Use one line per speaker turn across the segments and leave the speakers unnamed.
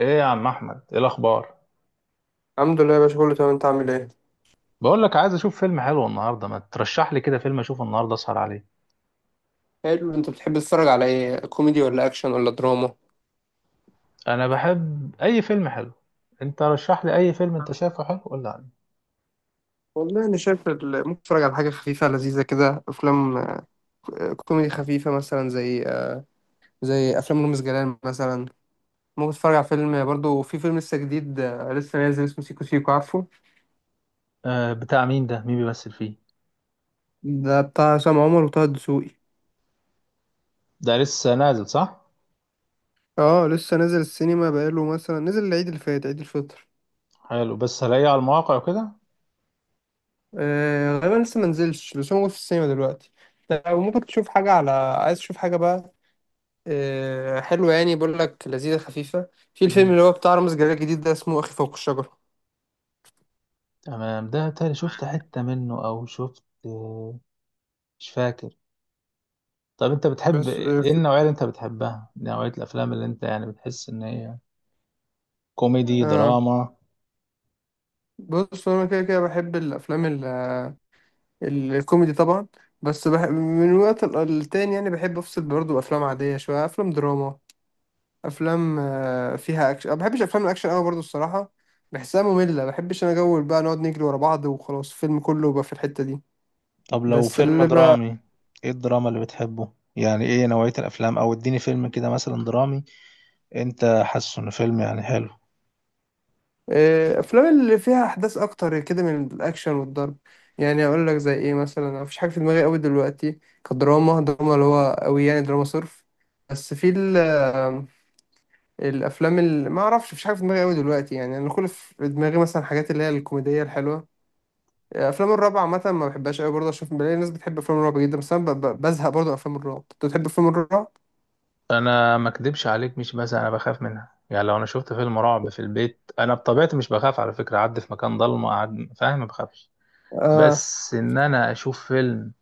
ايه يا عم احمد، ايه الاخبار؟
الحمد لله يا باشا، كله تمام. انت عامل ايه؟
بقول لك عايز اشوف فيلم حلو النهارده، ما ترشح لي كده فيلم اشوفه النهارده اسهر عليه.
حلو. انت بتحب تتفرج على ايه، كوميدي ولا اكشن ولا دراما؟
انا بحب اي فيلم حلو. انت رشح لي اي فيلم انت شايفه حلو قول لي عليه.
والله انا شايف ممكن اتفرج على حاجه خفيفه لذيذه كده، افلام كوميدي خفيفه مثلا زي زي افلام رامز جلال مثلا. ممكن اتفرج على فيلم برضو، في فيلم لسه جديد لسه نازل اسمه سيكو سيكو، عارفه؟
آه، بتاع مين ده؟ مين بيمثل فيه؟
ده بتاع عصام عمر وطه الدسوقي.
ده لسه نازل صح؟
اه، لسه نازل السينما، بقاله مثلا نزل العيد اللي فات، عيد الفطر.
حلو، بس هلاقيه على المواقع وكده.
غالبا لسه ما نزلش، بس هو موجود في السينما دلوقتي. لو ممكن تشوف حاجه، على عايز تشوف حاجه بقى. حلو، يعني بقول لك لذيذة خفيفة. في الفيلم
امم
اللي هو بتاع رامز جلال الجديد ده، اسمه أخي فوق الشجرة.
تمام. ده تاني شفت حتة منه او شفت مش فاكر. طب انت بتحب
بس
ايه؟ النوعية اللي انت بتحبها، نوعية الافلام اللي انت يعني بتحس ان هي كوميدي
آه،
دراما؟
بص، أنا كده كده بحب الأفلام الكوميدي طبعا. بس من وقت للتاني، يعني بحب أفصل برضه بأفلام عادية شوية، أفلام دراما، أفلام فيها أكشن. ما بحبش أفلام الأكشن أوي برضه، الصراحة. بحسها مملة. ما بحبش أنا جو بقى نقعد نجري ورا بعض وخلاص، الفيلم كله بقى في الحتة دي.
طب لو
بس
فيلم
اللي
درامي، ايه الدراما اللي بتحبه؟ يعني ايه نوعية الافلام؟ او اديني فيلم كده مثلا درامي انت حاسه انه فيلم يعني حلو.
افلام اللي فيها احداث اكتر كده من الاكشن والضرب. يعني اقول لك زي ايه مثلا. أنا مفيش حاجه في دماغي قوي دلوقتي، كدراما دراما اللي هو قوي، يعني دراما صرف. بس في الافلام اللي ما اعرفش. مفيش حاجه في دماغي قوي دلوقتي، يعني انا كل في دماغي مثلا حاجات اللي هي الكوميديه الحلوه. افلام الرعب عامه ما بحبهاش قوي برضه. اشوف بلاقي ناس بتحب افلام الرعب جدا، بس انا بزهق برضه من افلام الرعب. انت بتحب افلام الرعب؟
انا ما اكدبش عليك، مش بس انا بخاف منها، يعني لو انا شفت فيلم رعب في البيت، انا بطبيعتي مش بخاف على فكره، اعدي في مكان ضلمه اقعد فاهم، ما بخافش.
اه،
بس ان انا اشوف فيلم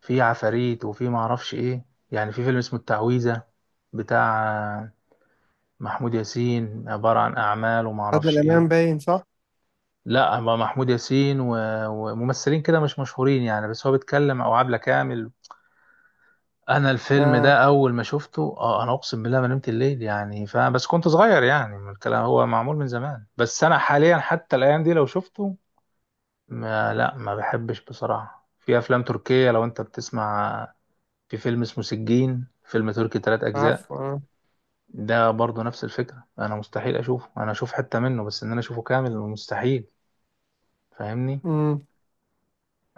فيه عفاريت وفيه ما اعرفش ايه. يعني في فيلم اسمه التعويذه بتاع محمود ياسين، عباره عن اعمال وما
عادل
اعرفش
امام
ايه.
باين صح؟
لا، هو محمود ياسين وممثلين كده مش مشهورين يعني، بس هو بيتكلم، او عبلة كامل. انا الفيلم
اه،
ده اول ما شفته اه، انا اقسم بالله ما نمت الليل يعني. بس كنت صغير يعني، من الكلام هو معمول من زمان. بس انا حاليا حتى الايام دي لو شفته، ما بحبش بصراحة. في افلام تركية لو انت بتسمع، في فيلم اسمه سجين، فيلم تركي ثلاث اجزاء،
عارفه،
ده برضه نفس الفكرة، انا مستحيل اشوفه. انا اشوف حتة منه بس، ان انا اشوفه كامل مستحيل. فاهمني؟
اه.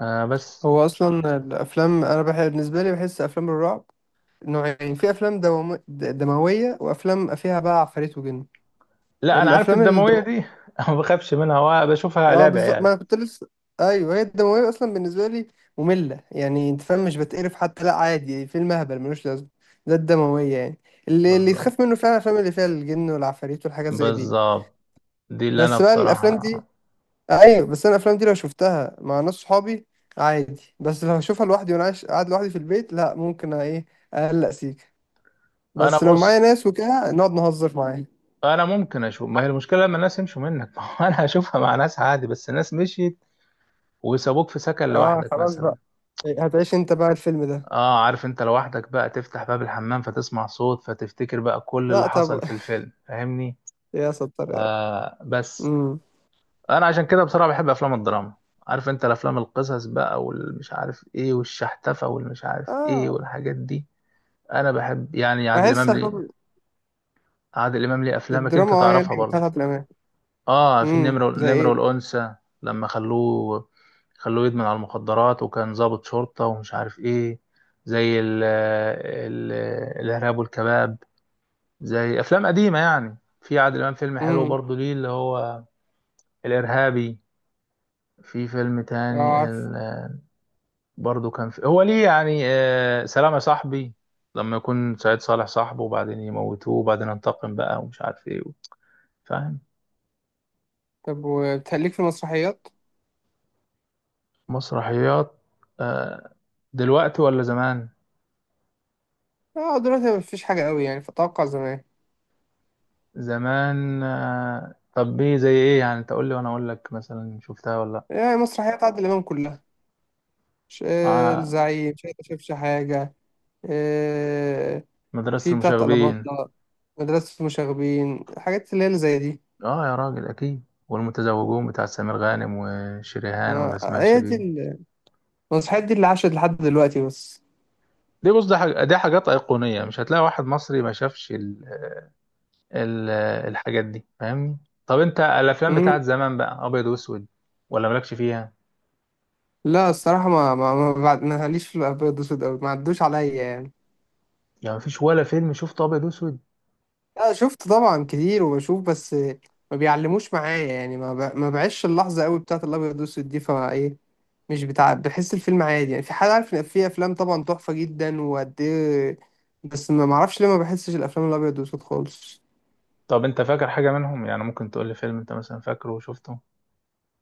آه بس.
هو اصلا الافلام، انا بحب بالنسبه لي، بحس افلام الرعب نوعين، في افلام دمويه، وافلام فيها بقى عفاريت وجن.
لا انا عارف
الافلام
الدمويه دي ما بخافش منها وبشوفها
اه
لعب
بالظبط،
عيال.
ما انا كنت لسه. ايوه هي الدمويه اصلا بالنسبه لي ممله، يعني انت فاهم مش بتقرف حتى. لا عادي، فيلم اهبل ملوش لازمه، ده الدمويه يعني. اللي
بالظبط،
تخاف منه فعلا الافلام اللي فيها الجن والعفاريت والحاجات زي دي.
بالظبط، دي اللي انا
بس بقى الافلام
بصراحه.
دي، ايوه بس انا الافلام دي لو شفتها مع ناس صحابي عادي، بس لو هشوفها لوحدي وانا عايش قاعد لوحدي في البيت، لا ممكن ايه، اقلق سيكه.
انا
بس لو معايا
بص،
ناس وكده نقعد نهزر معايا.
انا ممكن اشوف، ما هي المشكله لما الناس يمشوا منك ما هو انا هشوفها مع ناس عادي، بس الناس مشيت وسابوك في سكن
اه،
لوحدك
خلاص
مثلا.
بقى، هتعيش انت بقى الفيلم ده.
اه عارف، انت لوحدك بقى تفتح باب الحمام فتسمع صوت فتفتكر بقى كل اللي
لا
حصل
طب.
في الفيلم، فاهمني؟
يا ستار يا رب.
آه بس.
امم.
انا عشان كده بصراحه بحب افلام الدراما. عارف انت الافلام، القصص بقى والمش عارف ايه والشحتفه والمش عارف ايه
اه،
والحاجات دي. انا بحب يعني عادل
بحس
امام ليه،
أفلام
عادل امام ليه افلامك انت
الدراما يعني
تعرفها برضه.
بتاعت الامان.
اه، في
امم،
النمر،
زي
النمر
ايه؟
والانثى لما خلوه يدمن على المخدرات وكان ضابط شرطه ومش عارف ايه. زي ال الارهاب والكباب، زي افلام قديمه يعني. في عادل امام فيلم حلو
امم.
برضه ليه اللي هو الارهابي. في فيلم
اه،
تاني
عارف.
برضو كان في هو ليه يعني، آه، سلام يا صاحبي، لما يكون سعيد صالح صاحبه وبعدين يموتوه وبعدين انتقم بقى ومش عارف ايه فاهم؟
طب، وبتهليك في المسرحيات؟
مسرحيات؟ آه. دلوقتي ولا زمان؟
اه، دلوقتي مفيش حاجه قوي يعني، فاتوقع زمان.
زمان. آه طب ايه زي ايه يعني؟ انت قول لي وانا اقول لك مثلا شفتها ولا لا.
يعني مسرحيات عادل امام كلها، مش
آه،
الزعيم، مش أنت شافش حاجة؟ آه،
مدرسة
في بتاعة
المشاغبين.
ألاباندا، مدرسة مشاغبين، الحاجات اللي هي اللي زي دي.
اه يا راجل اكيد. والمتزوجون بتاع سمير غانم وشريهان، ولا اسمها
هي دي
شيرين.
المسرحيات دي اللي عاشت لحد دلوقتي بس.
دي بص، ده حاجة، دي حاجات أيقونية، مش هتلاقي واحد مصري ما شافش ال- الحاجات دي، فاهمني؟ طب انت الافلام
مم.
بتاعت زمان بقى، ابيض واسود، ولا مالكش فيها؟
لا الصراحة، ما ليش في الأبيض والأسود أوي، ما عدوش عليا يعني.
يعني مفيش ولا فيلم شفته ابيض واسود؟
لا شفت طبعا كتير وبشوف، بس ما بيعلموش معايا يعني، ما بعيش اللحظة أوي بتاعة الأبيض والأسود دي، فإيه، مش بتاع، بحس الفيلم عادي. يعني في حد عارف ان في افلام طبعا تحفه جدا وقد ايه، بس ما معرفش ليه ما بحسش الافلام الابيض والاسود خالص.
طب انت فاكر حاجه منهم؟ يعني ممكن تقول لي فيلم انت مثلا فاكره وشفته.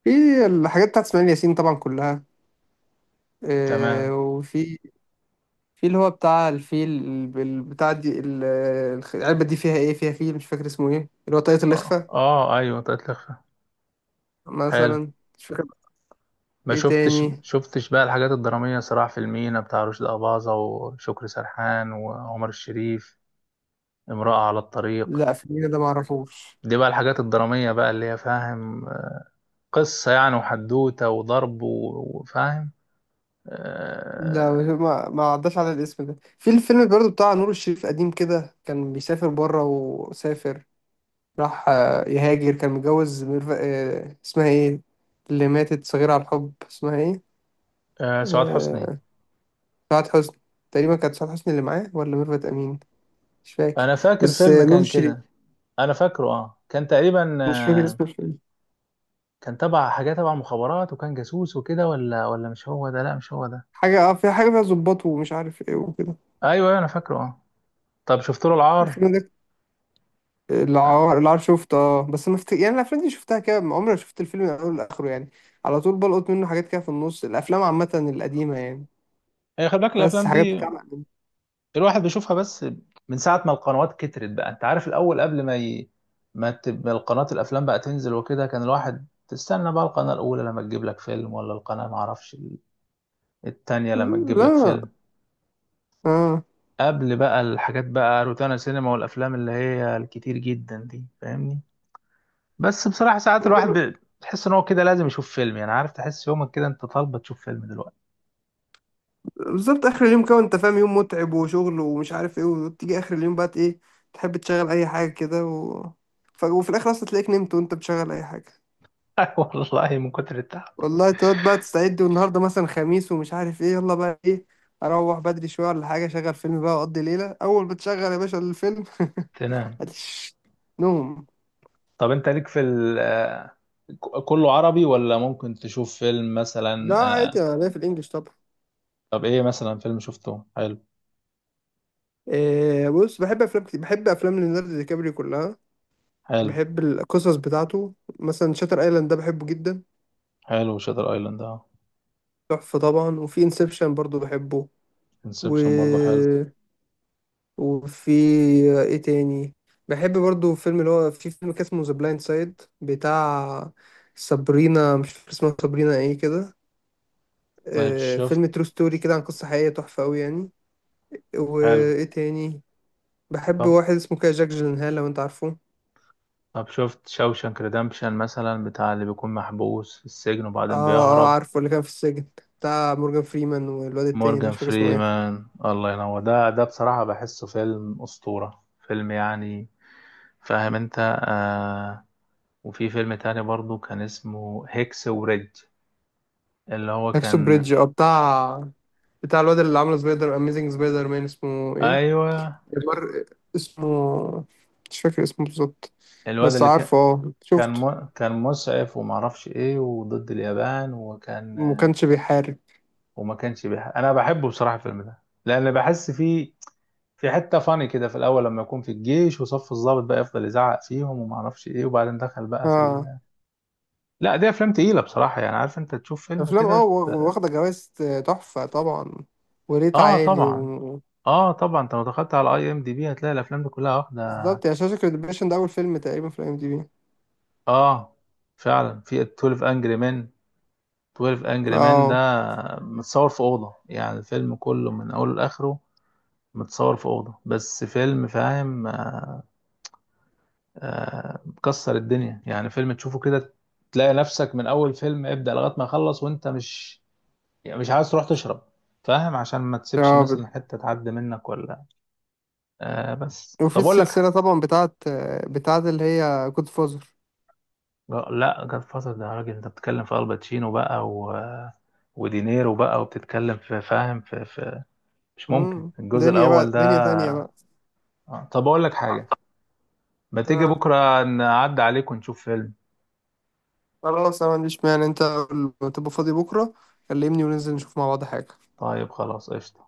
في الحاجات بتاعت اسماعيل ياسين طبعا كلها،
تمام.
وفي في اللي هو بتاع الفيل، بتاع دي العلبه دي فيها ايه، فيها فيل، مش فاكر اسمه ايه، اللي هو طاقية
اه
الاخفاء
اه ايوه طلعت لخفه، حلو.
مثلا. مش فاكر.
ما
ايه
شفتش،
تاني؟
شفتش بقى الحاجات الدراميه، صراع في المينا بتاع رشدي اباظه وشكري سرحان وعمر الشريف؟ امراه على الطريق.
لا، فيلم ده ما اعرفوش.
دي بقى الحاجات الدراميه بقى اللي هي فاهم، قصه يعني وحدوته وضرب وفاهم.
لا،
آه.
ما عداش على الاسم ده. في الفيلم برضو بتاع نور الشريف قديم كده، كان بيسافر بره وسافر، راح يهاجر، كان متجوز ميرف... آه، اسمها ايه، اللي ماتت صغيرة على الحب، اسمها ايه؟
آه سعاد حسني.
آه، سعاد حسني. تقريبا كانت سعاد حسني اللي معاه، ولا ميرفت أمين؟ مش فاكر،
انا فاكر
بس
فيلم
نور
كان كده.
الشريف.
انا فاكره اه، كان تقريبا
مش فاكر
آه،
اسم الفيلم.
كان تبع حاجه، تبع مخابرات وكان جاسوس وكده، ولا مش هو ده.
حاجة، في حاجة فيها ظباط ومش عارف ايه وكده.
ايوه ايوه انا فاكره اه. طب شفت له العار؟
الفيلم ده
آه.
العار. العار شفته اه، بس ما مفت... يعني الأفلام دي شفتها كده، ما عمري ما شفت الفيلم من أوله لآخره يعني. على طول بلقط منه حاجات كده في النص، الأفلام عامة القديمة يعني،
هي خلي بالك
بس
الافلام
حاجات
دي
بتاع.
الواحد بيشوفها بس من ساعه ما القنوات كترت بقى. انت عارف الاول قبل ما ما تبقى القناه الافلام بقى تنزل وكده، كان الواحد تستنى بقى القناه الاولى لما تجيب لك فيلم، ولا القناه معرفش التانية لما تجيب لك
لا.
فيلم،
اه،
قبل بقى الحاجات بقى روتانا سينما والافلام اللي هي الكتير جدا دي، فاهمني؟ بس بصراحه ساعات الواحد بتحس ان هو كده لازم يشوف فيلم يعني، عارف تحس يومك كده انت طالبه تشوف فيلم دلوقتي.
بالظبط، اخر اليوم كده انت فاهم، يوم متعب وشغل ومش عارف ايه، وتيجي اخر اليوم بقى ايه، تحب تشغل اي حاجه كده و وفي الاخر اصلا تلاقيك نمت وانت بتشغل اي حاجه.
والله من كتر التعب
والله تقعد بقى تستعد، والنهارده مثلا خميس ومش عارف ايه، يلا بقى ايه، اروح بدري شويه ولا حاجه، اشغل فيلم بقى واقضي ليله. اول ما تشغل يا باشا الفيلم
تنام.
هتش نوم.
طب انت ليك في ال كله عربي ولا ممكن تشوف فيلم مثلا؟
لا عادي،
آه،
انا ليا في الانجليش طبعا.
طب ايه مثلا فيلم شفته حلو؟
إيه، بص بحب افلام كتير، بحب افلام ليوناردو دي كابريو كلها.
حلو.
بحب القصص بتاعته. مثلا شاتر ايلاند ده بحبه جدا،
حلو شاتر ايلاند اه.
تحفة طبعا. وفي انسبشن برضو بحبه. و،
انسبشن برضه حلو.
وفي، ايه تاني؟ بحب برضو فيلم اللي هو، في فيلم كان اسمه ذا بلايند سايد، بتاع سابرينا، مش فاكر اسمها، سابرينا ايه كده.
طيب شفت،
فيلم ترو ستوري كده عن قصة حقيقية، تحفة قوي يعني.
حلو.
وايه تاني؟ بحب
طب،
واحد اسمه كده جاك جيلنهال، لو انت عارفه.
طب شفت شوشانك ريدمبشن مثلا، بتاع اللي بيكون محبوس في السجن
اه،
وبعدين
اه،
بيهرب؟
عارفه اللي كان في السجن، بتاع مورجان فريمان والواد التاني ده
مورجان
مش فاكر اسمه ايه.
فريمان الله ينور، ده ده بصراحة بحسه فيلم أسطورة فيلم يعني، فاهم انت؟ آه. وفي فيلم تاني برضو كان اسمه هيكس وريدج، اللي هو
هاكسو
كان،
بريدج، اه، بتاع بتاع الواد اللي عامل سبايدر، اميزنج سبايدر مان اسمه ايه،
ايوه،
جبار، اسمه، مش فاكر اسمه بالظبط،
الواد
بس
اللي كان،
عارفه اه، شفته.
كان مسعف ومعرفش ايه وضد اليابان وكان،
ما كانش بيحارب.
انا بحبه بصراحة الفيلم ده، لان بحس فيه في حتة فاني كده في الأول، لما يكون في الجيش وصف الضابط بقى يفضل يزعق فيهم وما أعرفش إيه وبعدين دخل بقى
اه
لا دي أفلام تقيلة بصراحة يعني، عارف أنت تشوف فيلم
افلام، اه،
كده. ت-
واخده جوائز، تحفه طبعا. وريت
آه
عالي
طبعا.
و،
آه طبعا، أنت لو دخلت على أي إم دي بي هتلاقي الأفلام دي كلها واخدة.
بالظبط، يا شاشه ريدمبشن ده اول فيلم تقريبا في الام دي بي.
آه فعلا. في 12 أنجري مان، 12 أنجري مان ده
اه،
متصور في أوضة، يعني الفيلم كله من أوله لآخره متصور في أوضة، بس فيلم فاهم، آه، مكسر الدنيا، يعني فيلم تشوفه كده تلاقي نفسك من اول فيلم ابدأ لغاية ما يخلص وانت مش، يعني مش عايز تروح تشرب، فاهم، عشان ما تسيبش
اه،
مثلا حتة تعدي منك ولا. آه بس،
وفي
طب اقول لك.
السلسله طبعا بتاعت اللي هي جود فازر،
لا جاد فازر ده يا راجل، انت بتتكلم في الباتشينو بقى ودينيرو بقى، وبتتكلم في فاهم في مش ممكن الجزء
دنيا
الاول
بقى، دنيا تانية
ده.
بقى.
آه، طب اقول لك حاجة، ما تيجي
آه.
بكرة نعدي عليك ونشوف فيلم؟
خلاص، انا ما عنديش مانع. انت تبقى فاضي بكره، كلمني وننزل نشوف مع بعض حاجه.
طيب خلاص، قشطة.